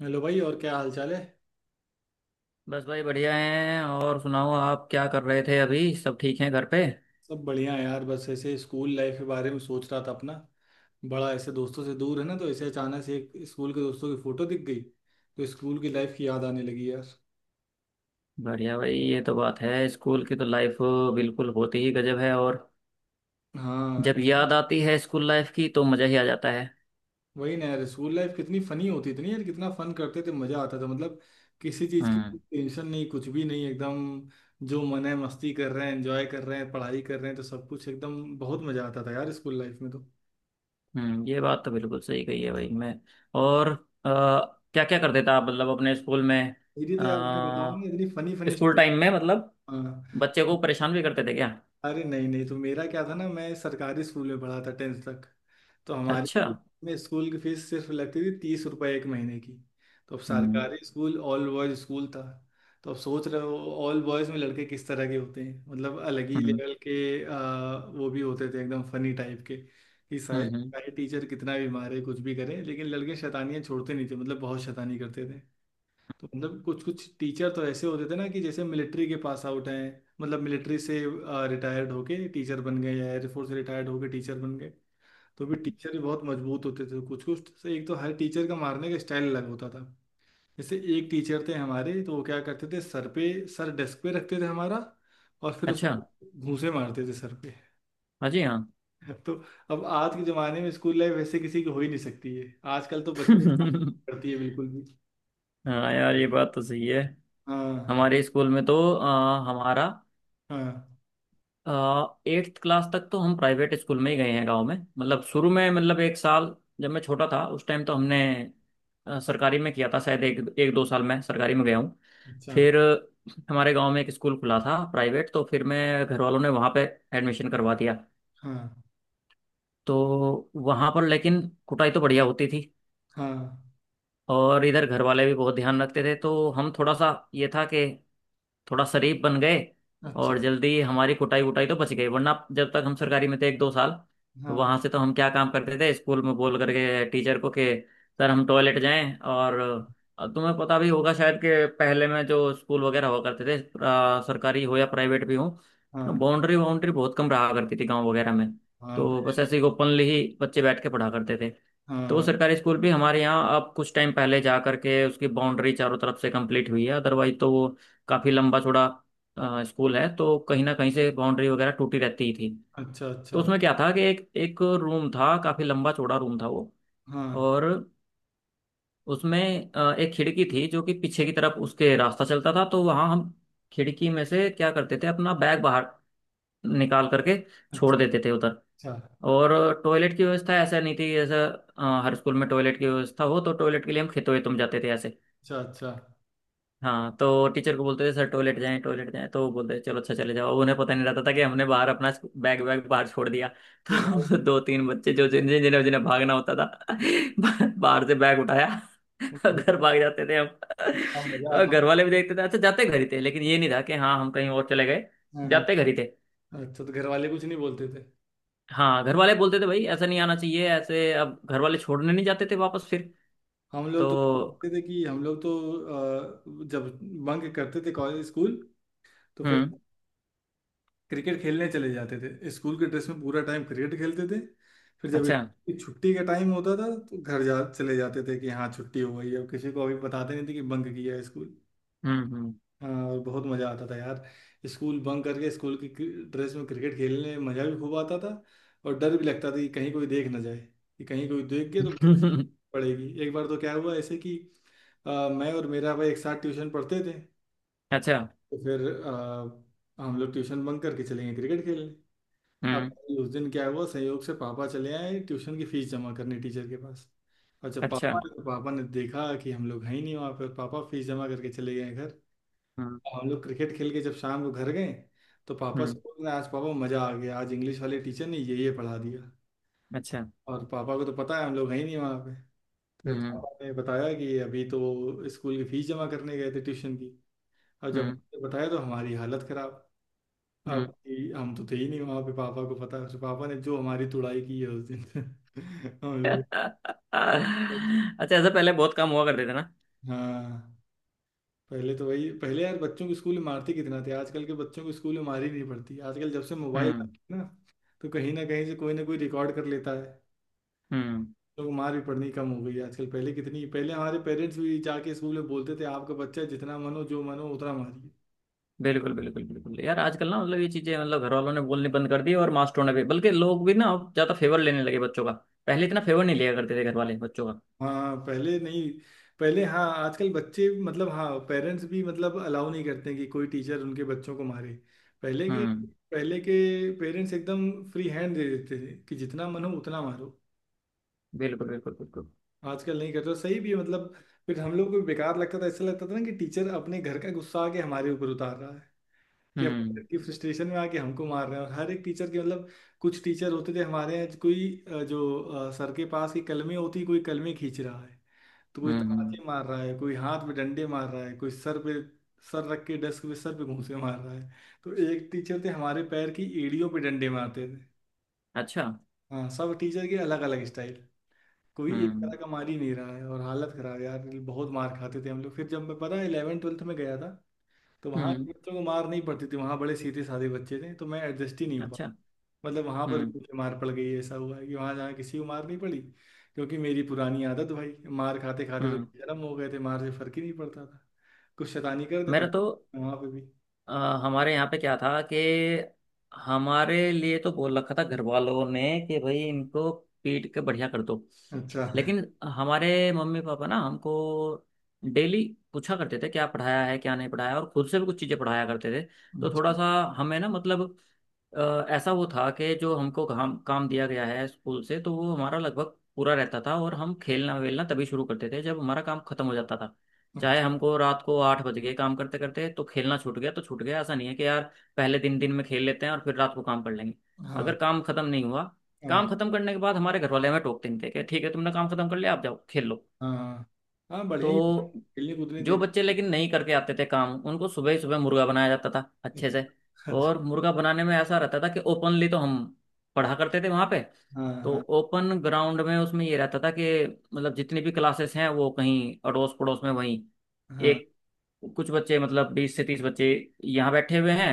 Hello भाई और क्या हाल चाल है। बस भाई बढ़िया हैं। और सुनाओ, आप क्या कर रहे थे अभी? सब ठीक हैं घर पे? सब बढ़िया है यार, बस ऐसे स्कूल लाइफ के बारे में सोच रहा था अपना। बड़ा ऐसे दोस्तों से दूर है ना, तो ऐसे अचानक से एक स्कूल के दोस्तों की फोटो दिख गई तो स्कूल की लाइफ की याद आने लगी यार। बढ़िया भाई, ये तो बात है। स्कूल की तो लाइफ बिल्कुल होती ही गजब है। और हाँ, जब याद आती है स्कूल लाइफ की, तो मज़ा ही आ जाता है। वही ना यार, स्कूल लाइफ कितनी फनी होती थी ना यार, कितना फन करते थे, मजा आता था मतलब। किसी चीज की हम्म। टेंशन नहीं, कुछ भी नहीं, एकदम जो मन है मस्ती कर रहे हैं, एंजॉय कर रहे हैं, पढ़ाई कर रहे हैं, तो सब कुछ एकदम बहुत मजा आता था यार स्कूल लाइफ में तो। हम्म, ये बात तो बिल्कुल सही कही है भाई। मैं और क्या क्या करते थे आप मतलब अपने स्कूल में? मेरी तो यार, मैं बताऊँ ना, इतनी अ, funny funny school story. Time में मतलब हाँ। बच्चे को परेशान भी करते थे क्या? अरे नहीं नहीं, तो मेरा क्या था ना, मैं सरकारी स्कूल में पढ़ा था 10th तक। तो अच्छा। हमारे में स्कूल की फीस सिर्फ लगती थी 30 रुपए एक महीने की। तो अब हम्म। सरकारी स्कूल ऑल बॉयज स्कूल था। तो अब सोच रहे हो, ऑल बॉयज में लड़के किस तरह के होते हैं, मतलब अलग ही हम्म। लेवल के वो भी होते थे एकदम फनी टाइप के। कि हम्म। सारे टीचर कितना भी मारे कुछ भी करे लेकिन लड़के शैतानियां छोड़ते नहीं थे, मतलब बहुत शैतानी करते थे। तो मतलब कुछ कुछ टीचर तो ऐसे होते थे ना कि जैसे मिलिट्री के पास आउट हैं। मतलब मिलिट्री से रिटायर्ड होके टीचर बन गए या एयरफोर्स से रिटायर्ड होके टीचर बन गए। तो भी टीचर भी बहुत मजबूत होते थे कुछ कुछ से, एक तो हर टीचर का मारने का स्टाइल अलग होता था। जैसे एक टीचर थे हमारे तो वो क्या करते थे, सर पे सर डेस्क पे रखते थे हमारा और फिर अच्छा। उसमें घूंसे मारते थे सर पे। हाँ जी। तो अब आज के जमाने में स्कूल लाइफ वैसे किसी की हो ही नहीं सकती है, आजकल तो बच्चे हाँ करती है बिल्कुल भी। हाँ यार, ये बात तो सही है। हाँ हमारे स्कूल में तो हमारा हाँ। एट्थ क्लास तक तो हम प्राइवेट स्कूल में ही गए हैं, गांव में। मतलब शुरू में, मतलब एक साल जब मैं छोटा था उस टाइम, तो हमने सरकारी में किया था। शायद एक एक दो साल मैं सरकारी में गया हूँ। अच्छा। फिर हमारे गांव में एक स्कूल खुला था प्राइवेट, तो फिर मैं घर वालों ने वहाँ पे एडमिशन करवा दिया। हाँ तो वहाँ पर लेकिन कुटाई तो बढ़िया होती थी। हाँ। और इधर घर वाले भी बहुत ध्यान रखते थे, तो हम थोड़ा सा ये था कि थोड़ा शरीफ बन गए। अच्छा। और जल्दी हमारी कुटाई वुटाई तो बच गई। वरना जब तक हम सरकारी में थे एक दो साल, तो हाँ वहां से तो हम क्या काम करते थे स्कूल में, बोल करके टीचर को कि सर हम टॉयलेट जाएं। और तुम्हें पता भी होगा शायद कि पहले में जो स्कूल वगैरह हुआ करते थे सरकारी हो या प्राइवेट भी हो, हाँ। बाउंड्री बाउंड्री बहुत कम रहा करती थी गांव वगैरह में। हाँ तो पहले बस ऐसे ही नहीं। ओपनली ही बच्चे बैठ के पढ़ा करते थे। हाँ तो हाँ। सरकारी स्कूल भी हमारे यहाँ अब कुछ टाइम पहले जा करके उसकी बाउंड्री चारों तरफ से कंप्लीट हुई है। अदरवाइज तो वो काफी लंबा चौड़ा स्कूल है, तो कहीं ना कहीं से बाउंड्री वगैरह टूटी रहती ही थी। अच्छा अच्छा। तो उसमें क्या था कि एक एक रूम था, काफी लंबा चौड़ा रूम था वो। हाँ। और उसमें एक खिड़की थी जो कि पीछे की तरफ उसके रास्ता चलता था, तो वहां हम खिड़की में से क्या करते थे, अपना बैग बाहर निकाल करके छोड़ अच्छा देते थे उधर। अच्छा। और टॉयलेट की व्यवस्था ऐसा नहीं थी, जैसे हर स्कूल में टॉयलेट की व्यवस्था हो, तो टॉयलेट के लिए हम खेतों वेतों में जाते थे ऐसे। अच्छा। अच्छा। हाँ, तो टीचर को बोलते थे सर टॉयलेट जाएं, टॉयलेट जाएं, तो वो बोलते थे चलो अच्छा चले जाओ। उन्हें पता नहीं रहता था कि हमने बाहर अपना बैग वैग बाहर छोड़ दिया। फिर भाई, तो दो तीन बच्चे जो जिन जिन- जिन्हें जिन्हें भागना होता था, बाहर से बैग उठाया कितना घर भाग जाते थे। हम मजा तो आता घर होगा। वाले भी देखते थे, अच्छा, जाते घर ही थे। लेकिन ये नहीं था कि हाँ हम कहीं और चले गए, हाँ हाँ। जाते घर ही थे। अच्छा, तो घर वाले कुछ नहीं बोलते थे। हाँ, घर वाले बोलते थे भाई ऐसा नहीं आना चाहिए ऐसे। अब घर वाले छोड़ने नहीं जाते थे वापस फिर हम लोग तो क्या तो। करते थे कि हम लोग तो जब बंक करते थे कॉलेज स्कूल, तो फिर हम्म। क्रिकेट खेलने चले जाते थे, स्कूल के ड्रेस में पूरा टाइम क्रिकेट खेलते थे। फिर जब अच्छा। छुट्टी का टाइम होता था तो घर जा चले जाते थे कि हाँ छुट्टी हो गई है। अब किसी को अभी बताते नहीं थे कि बंक किया है स्कूल। हम्म। हाँ और बहुत मज़ा आता था यार, स्कूल बंक करके स्कूल की ड्रेस में क्रिकेट खेलने में मज़ा भी खूब आता था। और डर भी लगता था कि कहीं कोई देख ना जाए, कि कहीं कोई देख गया तो बड़ी हम्म पड़ेगी। एक बार तो क्या हुआ ऐसे कि मैं और मेरा भाई एक साथ ट्यूशन पढ़ते थे। अच्छा। तो फिर हम लोग ट्यूशन बंक करके चले गए क्रिकेट खेलने। अब हम्म। उस दिन क्या हुआ, संयोग से पापा चले आए ट्यूशन की फीस जमा करने टीचर के पास। और जब पापा अच्छा। आए, तो पापा ने देखा कि हम लोग हैं ही नहीं वहाँ पर, पापा फीस जमा करके चले गए। हम्म। हम लोग क्रिकेट खेल के जब शाम को घर गए तो पापा हम्म, से बोल रहे हैं, आज पापा मजा आ गया, आज इंग्लिश वाले टीचर ने ये पढ़ा दिया। अच्छा। और पापा को तो पता है हम लोग हैं ही नहीं वहाँ पे। फिर हम्म। पापा ने बताया कि अभी तो स्कूल की फीस जमा करने गए थे ट्यूशन की। और जब हम्म। मुझे बताया तो हमारी हालत खराब, अब हम्म कि हम तो थे ही नहीं वहाँ पे, पापा को पता है। फिर पापा ने जो हमारी तुड़ाई की है उस दिन। हम लोग, अच्छा, ऐसा पहले बहुत काम हुआ करते थे ना। हाँ पहले तो वही पहले यार बच्चों को स्कूल में मारते कितना थे, आजकल के बच्चों को स्कूल में मार ही नहीं पड़ती, आजकल जब से मोबाइल आ हम्म। गया ना तो कहीं ना कहीं से कोई ना कोई रिकॉर्ड कर लेता है। हम्म। लोग को मार भी पड़नी कम हो गई है आजकल, पहले कितनी, पहले हमारे पेरेंट्स भी जाके स्कूल में बोलते थे आपका बच्चा जितना मन हो जो मन हो उतना मारिए। बिल्कुल बिल्कुल बिल्कुल यार, आजकल ना मतलब ये चीजें मतलब घर वालों ने बोलनी बंद कर दी और मास्टरों ने भी, बल्कि लोग भी ना अब ज्यादा फेवर लेने लगे बच्चों का। पहले इतना फेवर नहीं लिया करते थे घर वाले बच्चों का। हाँ पहले नहीं, पहले हाँ आजकल बच्चे मतलब हाँ पेरेंट्स भी मतलब अलाउ नहीं करते कि कोई टीचर उनके बच्चों को मारे। पहले के हम्म। पहले के पेरेंट्स एकदम फ्री हैंड दे देते थे कि जितना मन हो उतना मारो। बिल्कुल बिल्कुल बिल्कुल। आजकल नहीं करते और सही भी है मतलब। फिर हम लोग को भी बेकार लगता था, ऐसा लगता था ना कि टीचर अपने घर का गुस्सा आके हमारे ऊपर उतार रहा है, कि अपने घर हम्म। की फ्रस्ट्रेशन में आके हमको मार रहे हैं। और हर एक टीचर के मतलब कुछ टीचर होते थे हमारे यहाँ, कोई जो सर के पास की कलमें होती, कोई कलमें खींच रहा है, तो कोई हम्म। तमाचे मार रहा है, कोई हाथ पे डंडे मार रहा है, कोई सर पे सर रख के डेस्क पे सर पे घूंसे मार रहा है। तो एक टीचर थे हमारे, पैर की एड़ियों पे डंडे मारते थे। अच्छा। हाँ, सब टीचर के अलग अलग स्टाइल, कोई एक हम्म। तरह का मार ही नहीं रहा है, और हालत खराब है यार, बहुत मार खाते थे हम लोग। फिर जब मैं पता है 11th 12th में गया था, तो वहाँ हम्म। के बच्चों को मार नहीं पड़ती थी, वहाँ बड़े सीधे साधे बच्चे थे, तो मैं एडजस्ट ही नहीं हो पा, अच्छा। मतलब वहाँ पर भी हम्म। मुझे मार पड़ गई, ऐसा हुआ है कि वहाँ जहाँ किसी को मार नहीं पड़ी। क्योंकि मेरी पुरानी आदत भाई, मार खाते खाते तो हम्म। बेशरम हो गए थे, मार से फर्क ही नहीं पड़ता था, कुछ शैतानी कर दे तो मेरा तो वहाँ पे भी। अ, हमारे यहाँ पे क्या था कि हमारे लिए तो बोल रखा था घर वालों ने कि भाई इनको पीट के बढ़िया कर दो। अच्छा लेकिन हमारे मम्मी पापा ना हमको डेली पूछा करते थे क्या पढ़ाया है, क्या नहीं पढ़ाया, और खुद से भी कुछ चीज़ें पढ़ाया करते थे। तो थोड़ा अच्छा। सा हमें ना मतलब ऐसा वो था कि जो हमको काम काम दिया गया है स्कूल से, तो वो हमारा लगभग पूरा रहता था। और हम खेलना वेलना तभी शुरू करते थे जब हमारा काम खत्म हो जाता था। चाहे अच्छा। हमको रात को 8 बज गए काम करते करते, तो खेलना छूट गया तो छूट गया। ऐसा नहीं है कि यार पहले दिन दिन में खेल लेते हैं और फिर रात को काम कर लेंगे। हाँ अगर काम खत्म नहीं हुआ, हाँ। काम खत्म करने के बाद हमारे घर वाले हमें टोकते नहीं थे, कि ठीक है तुमने काम खत्म कर लिया, आप जाओ खेल लो। हाँ हाँ बढ़िया तो ही खेलने कूदने जो देना। बच्चे लेकिन नहीं करके आते थे काम, उनको सुबह ही सुबह मुर्गा बनाया जाता था अच्छे से। अच्छा अच्छा। और मुर्गा बनाने में ऐसा रहता था कि ओपनली तो हम पढ़ा करते थे वहां पे, तो हाँ ओपन ग्राउंड में उसमें ये रहता था कि मतलब जितनी भी क्लासेस हैं वो कहीं अड़ोस पड़ोस में वहीं हाँ। एक, कुछ बच्चे मतलब 20 से 30 बच्चे यहाँ बैठे हुए हैं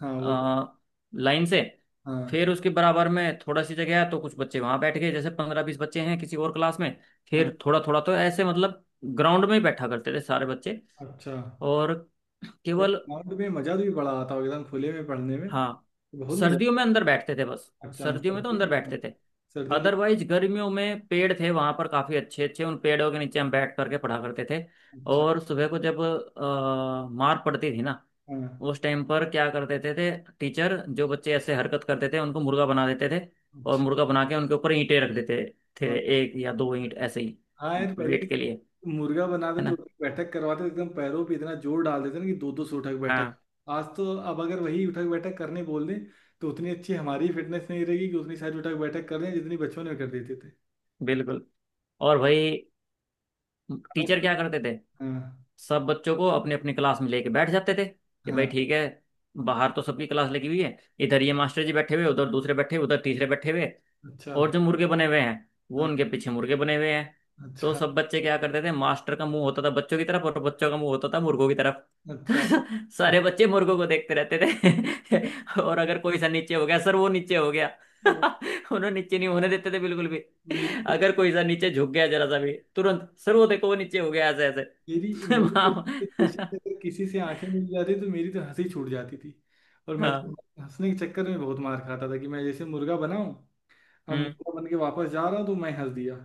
हाँ वो तो। अ, लाइन से। हाँ फिर उसके बराबर में थोड़ा सी जगह है, तो कुछ बच्चे वहां बैठ गए, जैसे 15-20 बच्चे हैं किसी और क्लास में। हाँ। फिर थोड़ा थोड़ा तो ऐसे मतलब ग्राउंड में ही बैठा करते थे सारे बच्चे। अच्छा यार, और केवल ग्राउंड में मजा भी बड़ा आता होगा एकदम खुले में पढ़ने में, हाँ, बहुत मजा सर्दियों में आता अंदर बैठते थे बस। है। अच्छा सर्दियों में तो सर्दी अंदर में तो, बैठते थे। सर्दियों तो। अदरवाइज गर्मियों में पेड़ थे वहां पर काफी अच्छे अच्छे, उन पेड़ों के नीचे हम बैठ करके पढ़ा करते थे। अच्छा। और सुबह को जब मार पड़ती थी ना, हाँ। उस टाइम पर क्या करते थे टीचर जो बच्चे ऐसे हरकत करते थे उनको मुर्गा बना देते थे। और अच्छा। मुर्गा बना के उनके ऊपर ईंटें रख देते थे, हाँ एक या दो ईंट ऐसे ही, हाँ यार पहले वेट के लिए। मुर्गा बनाते है तो ना। उठक बैठक करवाते तो एकदम पैरों पे इतना जोर डाल देते ना कि 200-200 उठक बैठक। हाँ। आज तो अब अगर वही उठक बैठक करने बोल दें, तो उतनी अच्छी हमारी फिटनेस नहीं रहेगी कि उतनी सारी उठक बैठक कर रहे हैं जितनी बचपन में कर देते थे। बिल्कुल। और भाई अलग टीचर अलग, क्या करते थे, हाँ सब बच्चों को अपने अपने क्लास में लेके बैठ जाते थे कि भाई हाँ। ठीक है। बाहर तो सबकी क्लास लगी हुई है। इधर ये मास्टर जी बैठे हुए, उधर दूसरे बैठे हुए, उधर तीसरे बैठे हुए। अच्छा। और जो मुर्गे बने हुए हैं, वो हाँ। उनके पीछे मुर्गे बने हुए हैं। तो अच्छा सब बच्चे क्या करते थे, मास्टर का मुंह होता था बच्चों की तरफ और बच्चों का मुंह होता था मुर्गों की तरफ। अच्छा। तो सारे बच्चे मुर्गों को देखते रहते थे। और अगर कोई सा नीचे हो गया, सर वो नीचे हो गया। उन्हें नीचे नहीं होने देते थे बिल्कुल भी। मेरी अगर कोई सा नीचे झुक गया जरा सा भी, तुरंत सर वो देखो वो नीचे हो गया ऐसे। मेरी मेरी वाह। ऐसी थी, अगर किसी से आंखें मिल जाती तो मेरी तो हंसी छूट जाती थी। और मैं तो हाँ। हंसने के चक्कर में बहुत मार खाता था, कि मैं जैसे मुर्गा बना हूँ, अब हम्म। मुर्गा बन के वापस जा रहा हूँ, तो मैं हंस दिया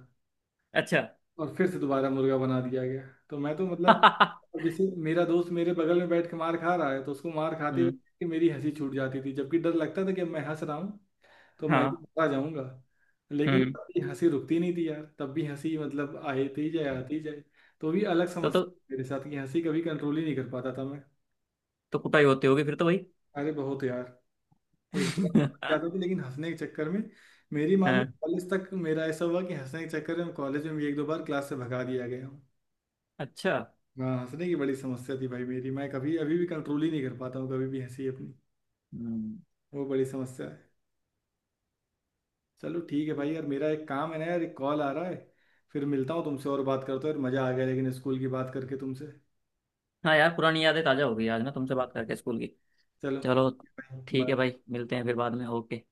अच्छा। और फिर से दोबारा मुर्गा बना दिया गया। तो मैं तो मतलब, हम्म। अब जैसे मेरा दोस्त मेरे बगल में बैठ के मार खा रहा है तो उसको मार खाते हुए देख के मेरी हंसी छूट जाती थी, जबकि डर लगता था कि अब मैं हंस रहा हूँ तो मैं भी हाँ। बता जाऊंगा। लेकिन हम्म। तब भी हंसी रुकती नहीं थी यार, तब भी हंसी मतलब आती जाए आती जाए। तो भी अलग तो समस्या तो थी मेरे साथ, कि हंसी कभी कंट्रोल ही नहीं कर पाता था मैं। तो कुटाई होती होगी फिर तो भाई। अरे बहुत यार, एक दो बार लग जाता था लेकिन हंसने के चक्कर में। मेरी मान लो हाँ। कॉलेज तक मेरा ऐसा हुआ कि हंसने के चक्कर में कॉलेज में भी एक दो बार क्लास से भगा दिया गया हूँ। अच्छा। हाँ, हंसने की बड़ी समस्या थी भाई मेरी, मैं कभी अभी भी कंट्रोल ही नहीं कर पाता हूँ कभी भी हंसी अपनी, हम्म। वो बड़ी समस्या है। चलो ठीक है भाई, यार मेरा एक काम है ना यार, एक कॉल आ रहा है, फिर मिलता हूँ तुमसे और बात करता हूँ यार, मज़ा आ गया लेकिन स्कूल की बात करके तुमसे। हाँ यार, पुरानी यादें ताजा हो गई आज ना तुमसे बात करके स्कूल की। चलो चलो ठीक बाय। है भाई, मिलते हैं फिर बाद में। ओके।